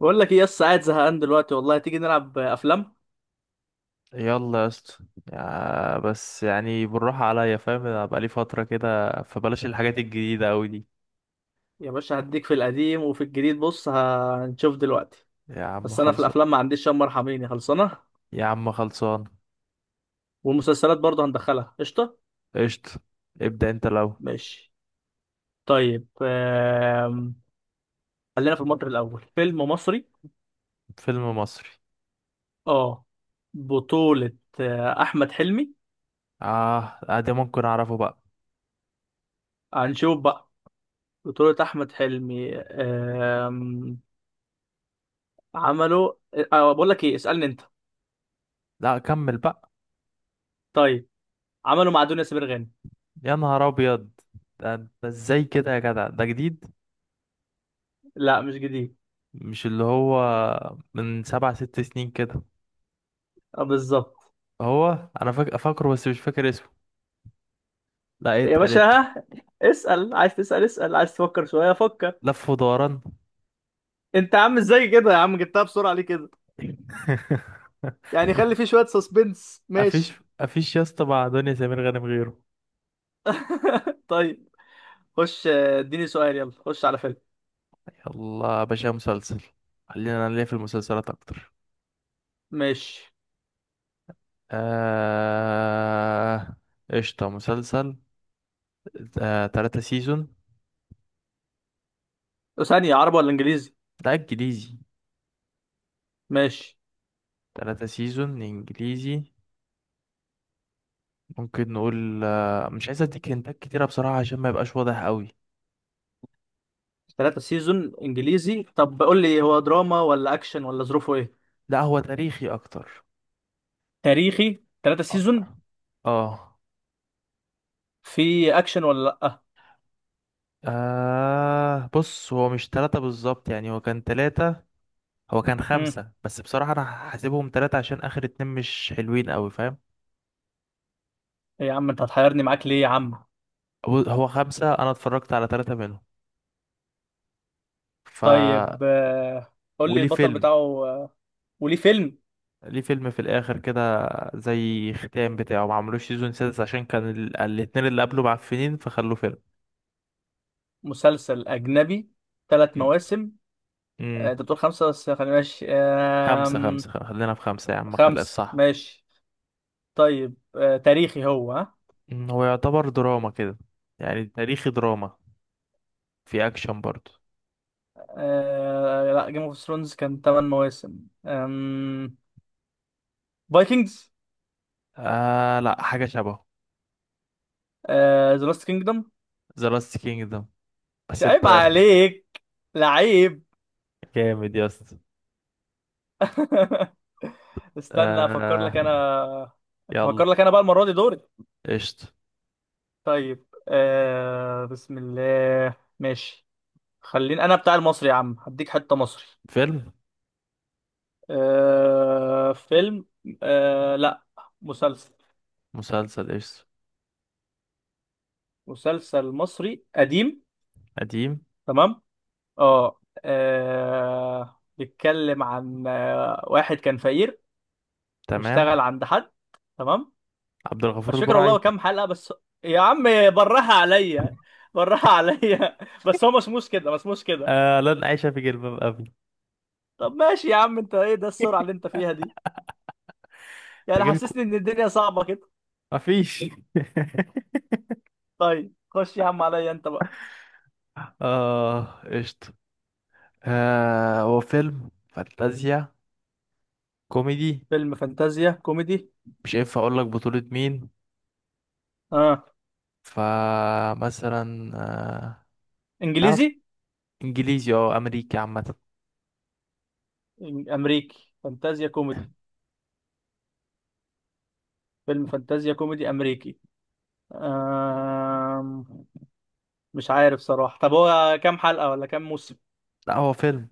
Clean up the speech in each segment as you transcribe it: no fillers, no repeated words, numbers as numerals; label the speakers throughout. Speaker 1: بقول لك ايه يس، قاعد زهقان دلوقتي والله، تيجي نلعب افلام.
Speaker 2: يلا يا اسطى. بس يعني بالراحة عليا، فاهم، انا بقالي فترة كده، فبلاش الحاجات الجديدة اوي دي.
Speaker 1: يا باشا هديك في القديم وفي الجديد، بص هنشوف دلوقتي.
Speaker 2: يا عم
Speaker 1: بس انا في
Speaker 2: خلصان.
Speaker 1: الافلام ما عنديش، شم ارحميني خلصانه.
Speaker 2: يا عم خلصان.
Speaker 1: والمسلسلات برضه هندخلها قشطه.
Speaker 2: قشطة، ابدأ انت لو.
Speaker 1: ماشي. طيب، خلينا في المصري الاول، فيلم مصري.
Speaker 2: فيلم مصري.
Speaker 1: اه، بطولة احمد حلمي.
Speaker 2: اه. ده ممكن اعرفه بقى.
Speaker 1: هنشوف بقى. بطولة احمد حلمي. عملوا، بقول لك ايه، اسألني انت.
Speaker 2: لا، كمل بقى.
Speaker 1: طيب، عملوا مع دنيا سمير غانم.
Speaker 2: يا نهار ابيض، ده ازاي كده يا جدع؟ ده جديد؟
Speaker 1: لا، مش جديد.
Speaker 2: مش اللي هو من سبع ست سنين كده؟
Speaker 1: بالظبط.
Speaker 2: هو انا فاكره بس مش فاكر اسمه. لا، ايه
Speaker 1: يا
Speaker 2: ده إيه
Speaker 1: باشا،
Speaker 2: ده؟
Speaker 1: ها، اسأل عايز تسأل، اسأل، عايز تفكر شوية فكر.
Speaker 2: لف ودوران.
Speaker 1: انت يا عم، ازاي كده يا عم؟ جبتها بسرعة ليه كده؟ يعني خلي فيه شوية سسبنس،
Speaker 2: مفيش
Speaker 1: ماشي.
Speaker 2: مفيش. يا اسطى، مع دنيا سمير غانم غيره.
Speaker 1: طيب، خش اديني سؤال، يلا خش على فيلم.
Speaker 2: يلا يا باشا، مسلسل. خلينا، انا ليا في المسلسلات اكتر.
Speaker 1: ماشي.
Speaker 2: آه... قشطة، مسلسل. تلاتة سيزون.
Speaker 1: ثانية، عربي ولا انجليزي؟
Speaker 2: ده انجليزي.
Speaker 1: ماشي،
Speaker 2: 3 سيزون انجليزي. ممكن نقول مش عايز اديك هنتات كتيرة بصراحة عشان ما يبقاش واضح قوي.
Speaker 1: ثلاثة سيزون انجليزي. طب قول لي، هو دراما ولا اكشن ولا ظروفه ايه؟
Speaker 2: لا، هو تاريخي اكتر.
Speaker 1: تاريخي، ثلاثة
Speaker 2: اه.
Speaker 1: سيزون.
Speaker 2: اه.
Speaker 1: في اكشن ولا لا؟
Speaker 2: بص، هو مش 3 بالظبط، يعني هو كان 3. هو كان
Speaker 1: امم.
Speaker 2: 5، بس بصراحة أنا هحسبهم 3 عشان آخر 2 مش حلوين أوي، فاهم.
Speaker 1: إيه يا عم، انت هتحيرني معاك ليه يا عم؟
Speaker 2: هو 5، أنا اتفرجت على 3 منهم. ف
Speaker 1: طيب، قول لي
Speaker 2: وليه
Speaker 1: البطل
Speaker 2: فيلم.
Speaker 1: بتاعه. آه، وليه فيلم؟
Speaker 2: ليه فيلم في الآخر كده، زي ختام بتاعه، ما عملوش سيزون سادس عشان كان الاتنين اللي قبله معفنين، فخلوه فيلم.
Speaker 1: مسلسل أجنبي، ثلاث
Speaker 2: مم.
Speaker 1: مواسم. أنت
Speaker 2: مم.
Speaker 1: بتقول خمسة، بس خلينا ماشي.
Speaker 2: 5 5، خلينا في 5 يا عم، خلي
Speaker 1: خمسة،
Speaker 2: الصح.
Speaker 1: ماشي. طيب، تاريخي هو، ها؟
Speaker 2: هو يعتبر دراما كده. يعني تاريخي دراما. في أكشن برضه.
Speaker 1: لا، جيم اوف ثرونز كان ثمان مواسم. فايكنجز.
Speaker 2: لا، حاجة شبهه.
Speaker 1: ذا لاست كينجدوم.
Speaker 2: ذا لاست كينجدم. بس
Speaker 1: عيب
Speaker 2: انت،
Speaker 1: عليك. لعيب.
Speaker 2: جامد يا اسطى.
Speaker 1: استنى افكر
Speaker 2: آه.
Speaker 1: لك انا.
Speaker 2: يلا.
Speaker 1: افكر لك انا بقى، المره دي دوري.
Speaker 2: قشطة.
Speaker 1: طيب، بسم الله، ماشي. خليني انا بتاع المصري يا عم، هديك حته مصري.
Speaker 2: فيلم.
Speaker 1: فيلم. لا، مسلسل.
Speaker 2: مسلسل، قشطة.
Speaker 1: مسلسل مصري قديم.
Speaker 2: قديم.
Speaker 1: تمام. اه. بيتكلم عن واحد كان فقير.
Speaker 2: تمام.
Speaker 1: واشتغل عند حد. تمام.
Speaker 2: عبد الغفور
Speaker 1: مش فاكر والله،
Speaker 2: البرعي.
Speaker 1: هو كام حلقة بس؟ يا عم، براها عليا. براها عليا. بس هو مسموش كده، مسموش كده.
Speaker 2: آه، لن أعيش في جلباب أبي.
Speaker 1: طب ماشي يا عم، انت ايه ده السرعة اللي انت فيها دي؟ يعني
Speaker 2: تجيلكوا.
Speaker 1: حسسني ان الدنيا صعبة كده.
Speaker 2: مفيش.
Speaker 1: طيب، خش يا عم، عليا انت بقى.
Speaker 2: اه، قشطة. آه، هو فيلم فانتازيا كوميدي.
Speaker 1: فيلم فانتازيا كوميدي.
Speaker 2: مش هينفع اقول لك بطولة مين.
Speaker 1: اه.
Speaker 2: فمثلا تعرف،
Speaker 1: انجليزي؟
Speaker 2: انجليزي او امريكي عامة.
Speaker 1: امريكي فانتازيا كوميدي. فيلم فانتازيا كوميدي امريكي. أم... مش عارف صراحة. طب هو كام حلقة ولا كام موسم؟
Speaker 2: لا، هو فيلم.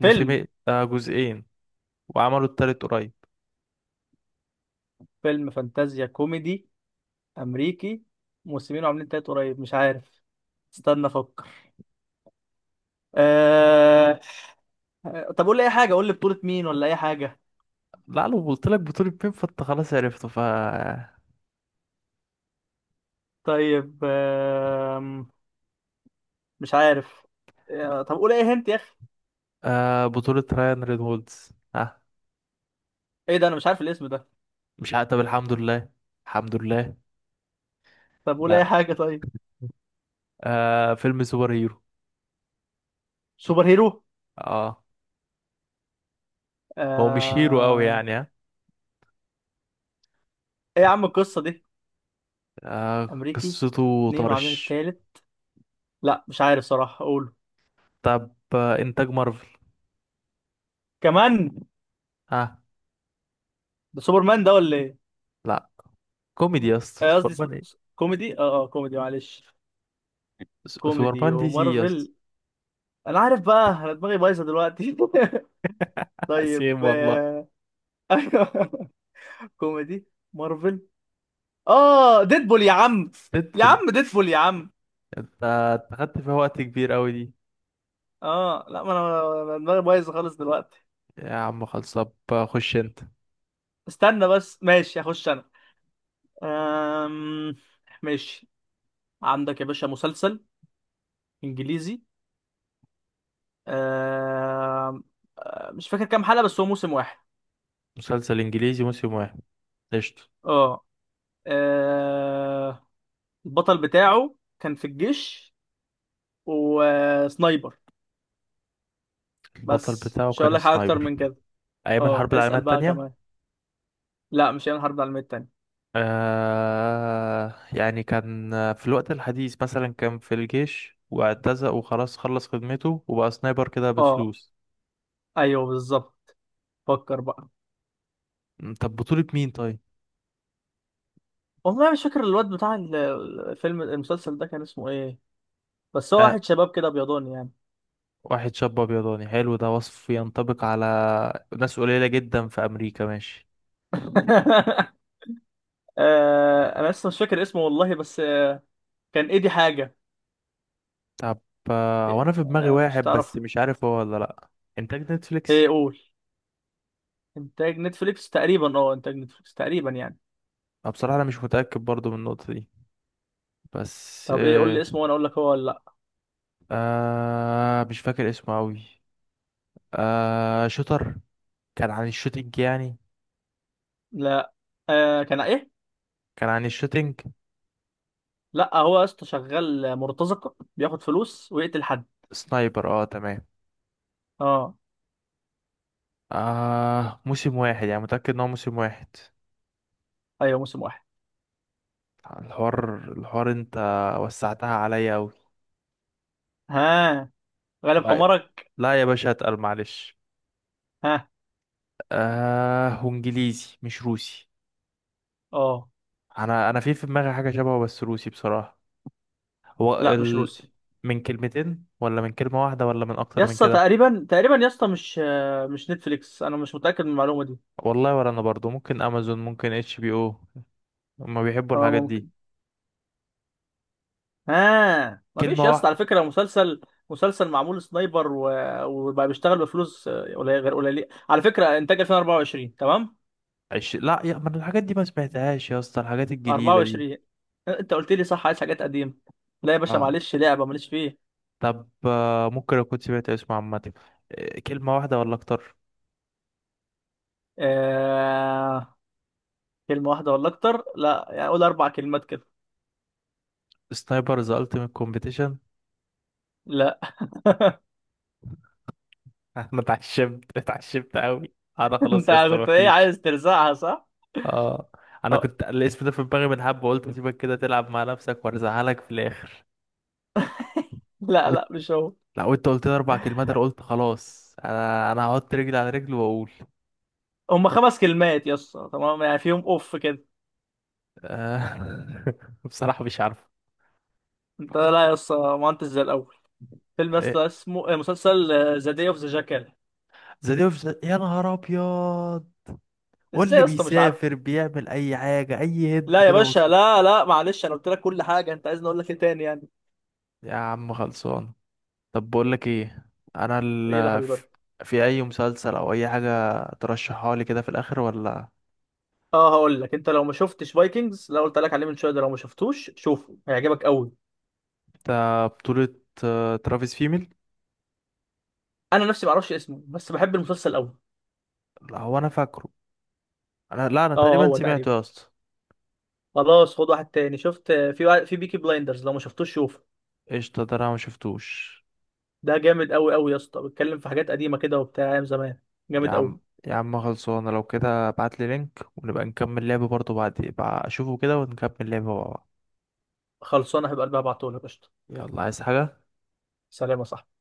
Speaker 1: فيلم.
Speaker 2: موسمين، جزئين. وعملوا التالت قريب.
Speaker 1: فيلم فانتازيا كوميدي امريكي، موسمين وعاملين تلات قريب، مش عارف. استنى افكر. أه... طب قول لي اي حاجة، قول لي بطولة مين ولا اي حاجة.
Speaker 2: لا، لو قلت لك بطولة مين، فانت خلاص عرفته،
Speaker 1: طيب، مش عارف. طب قول اي هنت يا اخي.
Speaker 2: آه، بطولة رايان رينولدز. ها.
Speaker 1: ايه ده، انا مش عارف الاسم ده.
Speaker 2: مش عارف، طب الحمد لله. الحمد لله.
Speaker 1: طب قول اي
Speaker 2: لا.
Speaker 1: حاجة، طيب.
Speaker 2: آه، فيلم سوبر هيرو.
Speaker 1: سوبر هيرو.
Speaker 2: اه. هو مش هيرو قوي
Speaker 1: أه...
Speaker 2: يعني، ها.
Speaker 1: ايه يا عم القصة دي؟ امريكي،
Speaker 2: قصته
Speaker 1: اتنين وعاملين
Speaker 2: طرش.
Speaker 1: التالت. لا مش عارف صراحه اقوله.
Speaker 2: طب انتاج مارفل.
Speaker 1: كمان؟
Speaker 2: ها.
Speaker 1: ده سوبرمان ده ولا ايه؟
Speaker 2: لا. كوميدي يا اسطى،
Speaker 1: قصدي
Speaker 2: سوبرمان ايه؟
Speaker 1: كوميدي، اه اه، كوميدي، معلش. كوميدي
Speaker 2: سوبرمان دي سي يا اسطى.
Speaker 1: ومارفل. انا عارف بقى، انا دماغي بايظه دلوقتي. طيب،
Speaker 2: سيم والله.
Speaker 1: أيوه. كوميدي، مارفل، اه ديدبول يا عم. يا
Speaker 2: ديدبول.
Speaker 1: عم ديدبول يا عم.
Speaker 2: انت خدت فيها وقت كبير قوي دي.
Speaker 1: اه لا، ما انا دماغي بايظه خالص دلوقتي.
Speaker 2: يا عم خلص، طب خش انت.
Speaker 1: استنى بس، ماشي، هخش انا. أم... ماشي. عندك يا باشا، مسلسل انجليزي. آه مش فاكر كام حلقة، بس هو موسم واحد.
Speaker 2: مسلسل انجليزي موسم 1. قشطة.
Speaker 1: اه. آه، البطل بتاعه كان في الجيش، وسنايبر.
Speaker 2: البطل
Speaker 1: بس
Speaker 2: بتاعه
Speaker 1: مش هقول
Speaker 2: كان
Speaker 1: لك حاجة أكتر
Speaker 2: سنايبر.
Speaker 1: من كده.
Speaker 2: أيام
Speaker 1: اه،
Speaker 2: الحرب العالمية
Speaker 1: اسأل بقى
Speaker 2: التانية.
Speaker 1: كمان. لا، مش هيعمل حرب العالمية التانية.
Speaker 2: يعني كان في الوقت الحديث مثلا، كان في الجيش واعتزق وخلاص خلص خدمته وبقى سنايبر كده
Speaker 1: اه.
Speaker 2: بفلوس.
Speaker 1: أيوه بالظبط. فكر بقى.
Speaker 2: طب بطولة مين طيب؟
Speaker 1: والله مش فاكر الواد بتاع الفيلم، المسلسل ده كان اسمه ايه. بس هو
Speaker 2: آه،
Speaker 1: واحد شباب كده بيضاني يعني.
Speaker 2: واحد شاب أبيضاني حلو، ده وصف ينطبق على ناس قليلة جدا في أمريكا، ماشي.
Speaker 1: انا لسه مش فاكر اسمه والله، بس كان ايدي حاجة.
Speaker 2: طب هو أنا في دماغي
Speaker 1: مش
Speaker 2: واحد،
Speaker 1: هتعرفه.
Speaker 2: بس مش عارف هو ولا لأ. إنتاج نتفليكس؟
Speaker 1: ايه، قول. انتاج نتفليكس تقريبا، اه، انتاج نتفليكس تقريبا يعني.
Speaker 2: أنا بصراحة أنا مش متأكد برضو من النقطة دي. بس
Speaker 1: طب ايه، قول لي اسمه وانا اقول لك هو ولا لا.
Speaker 2: مش فاكر اسمه أوي. آه، شوتر. كان عن الشوتينج يعني.
Speaker 1: لا. كان ايه؟
Speaker 2: كان عن الشوتينج.
Speaker 1: لا هو يا اسطى شغال مرتزقه، بياخد فلوس ويقتل حد.
Speaker 2: سنايبر، اه، تمام.
Speaker 1: اه.
Speaker 2: آه، موسم واحد، يعني متأكد ان هو موسم 1.
Speaker 1: ايوه، موسم واحد.
Speaker 2: الحوار انت، وسعتها عليا اوي.
Speaker 1: ها. غالب
Speaker 2: لا،
Speaker 1: حمارك.
Speaker 2: لا يا باشا، اتقل معلش.
Speaker 1: ها.
Speaker 2: آه، وانجليزي مش روسي.
Speaker 1: اه
Speaker 2: انا في دماغي حاجة شبهه بس روسي بصراحة. هو
Speaker 1: لا، مش روسي.
Speaker 2: من كلمتين ولا من كلمة 1 ولا من
Speaker 1: يا
Speaker 2: اكتر من
Speaker 1: اسطى
Speaker 2: كده؟
Speaker 1: تقريبا تقريبا يا اسطى، مش نتفليكس، انا مش متاكد من المعلومه دي.
Speaker 2: والله ولا انا برضو، ممكن امازون، ممكن HBO. هما بيحبوا
Speaker 1: اه
Speaker 2: الحاجات دي.
Speaker 1: ممكن. ها، مفيش
Speaker 2: كلمة
Speaker 1: يا اسطى
Speaker 2: واحدة.
Speaker 1: على فكره، مسلسل. مسلسل معمول سنايبر وبقى بيشتغل بفلوس، غير قليله على فكره، انتاج 2024، تمام.
Speaker 2: لا، يا، من الحاجات دي ما سمعتهاش يا اسطى، الحاجات الجديدة دي.
Speaker 1: 24، انت قلت لي صح، عايز حاجات قديمة. لا يا باشا
Speaker 2: اه.
Speaker 1: معلش، لعبة ماليش فيه.
Speaker 2: طب ممكن اكون سمعت اسمه عامة. كلمة 1 ولا اكتر.
Speaker 1: آه... كلمة واحدة ولا أكتر؟ لا يعني، قول أربع كلمات كده.
Speaker 2: سنايبر ذا التيمت كومبيتيشن.
Speaker 1: لا.
Speaker 2: انا اتعشمت اتعشمت قوي. انا خلاص
Speaker 1: أنت
Speaker 2: يا اسطى
Speaker 1: كنت إيه،
Speaker 2: مفيش.
Speaker 1: عايز ترزعها صح؟
Speaker 2: اه. انا
Speaker 1: أو...
Speaker 2: كنت الاسم ده في دماغي من حبة، قلت سيبك كده تلعب مع نفسك وارزعلك في الاخر.
Speaker 1: لا
Speaker 2: وإنت-
Speaker 1: لا، مش هو.
Speaker 2: لا، وانت قلت لي 4 كلمات، انا قلت خلاص، انا هحط رجلي على رجلي واقول.
Speaker 1: هما خمس كلمات يا اسطى، تمام يعني، فيهم أوف كده.
Speaker 2: بصراحة مش عارف.
Speaker 1: أنت لا يا اسطى، ما أنتش زي الأول. فيلم يا اسطى اسمه، مسلسل، ذا داي أوف ذا جاكال.
Speaker 2: ذا ديفز، يا نهار ابيض.
Speaker 1: إزاي
Speaker 2: واللي
Speaker 1: يا اسطى مش عارفه؟
Speaker 2: بيسافر بيعمل اي حاجه، اي هد
Speaker 1: لا يا
Speaker 2: كده
Speaker 1: باشا،
Speaker 2: بسيط.
Speaker 1: لا لا معلش، أنا قلت لك كل حاجة، أنت عايزني أقول لك إيه تاني يعني؟
Speaker 2: يا عم خلصان. طب بقول لك ايه، انا
Speaker 1: إيه يا حبيبي؟
Speaker 2: في اي مسلسل او اي حاجه ترشحها لي كده في الاخر ولا؟
Speaker 1: اه هقول لك، انت لو ما شفتش فايكنجز، لو قلت لك عليه من شويه ده، لو ما شفتوش شوفه هيعجبك قوي.
Speaker 2: ده بطوله ترافيس فيميل.
Speaker 1: انا نفسي ما اعرفش اسمه، بس بحب المسلسل قوي.
Speaker 2: لا، هو انا فاكره. انا، لا، انا
Speaker 1: اه
Speaker 2: تقريبا
Speaker 1: هو
Speaker 2: سمعته
Speaker 1: تقريبا.
Speaker 2: يا اسطى.
Speaker 1: خلاص، خد واحد تاني، شفت في واحد في بيكي بلايندرز، لو ما شفتوش شوفه.
Speaker 2: قشطه، ده انا ما شفتوش.
Speaker 1: ده جامد قوي قوي يا اسطى، بيتكلم في حاجات قديمه كده وبتاع ايام زمان.
Speaker 2: يا
Speaker 1: جامد قوي.
Speaker 2: عم. يا عم خلصانه، لو كده ابعت لي لينك، ونبقى نكمل لعبه برضه بعد بقى اشوفه كده، ونكمل لعبه مع بعض.
Speaker 1: خلصانه، هيبقى قلبها بعتهولك قشطه.
Speaker 2: يلا، عايز حاجه؟
Speaker 1: سلام يا صاحبي.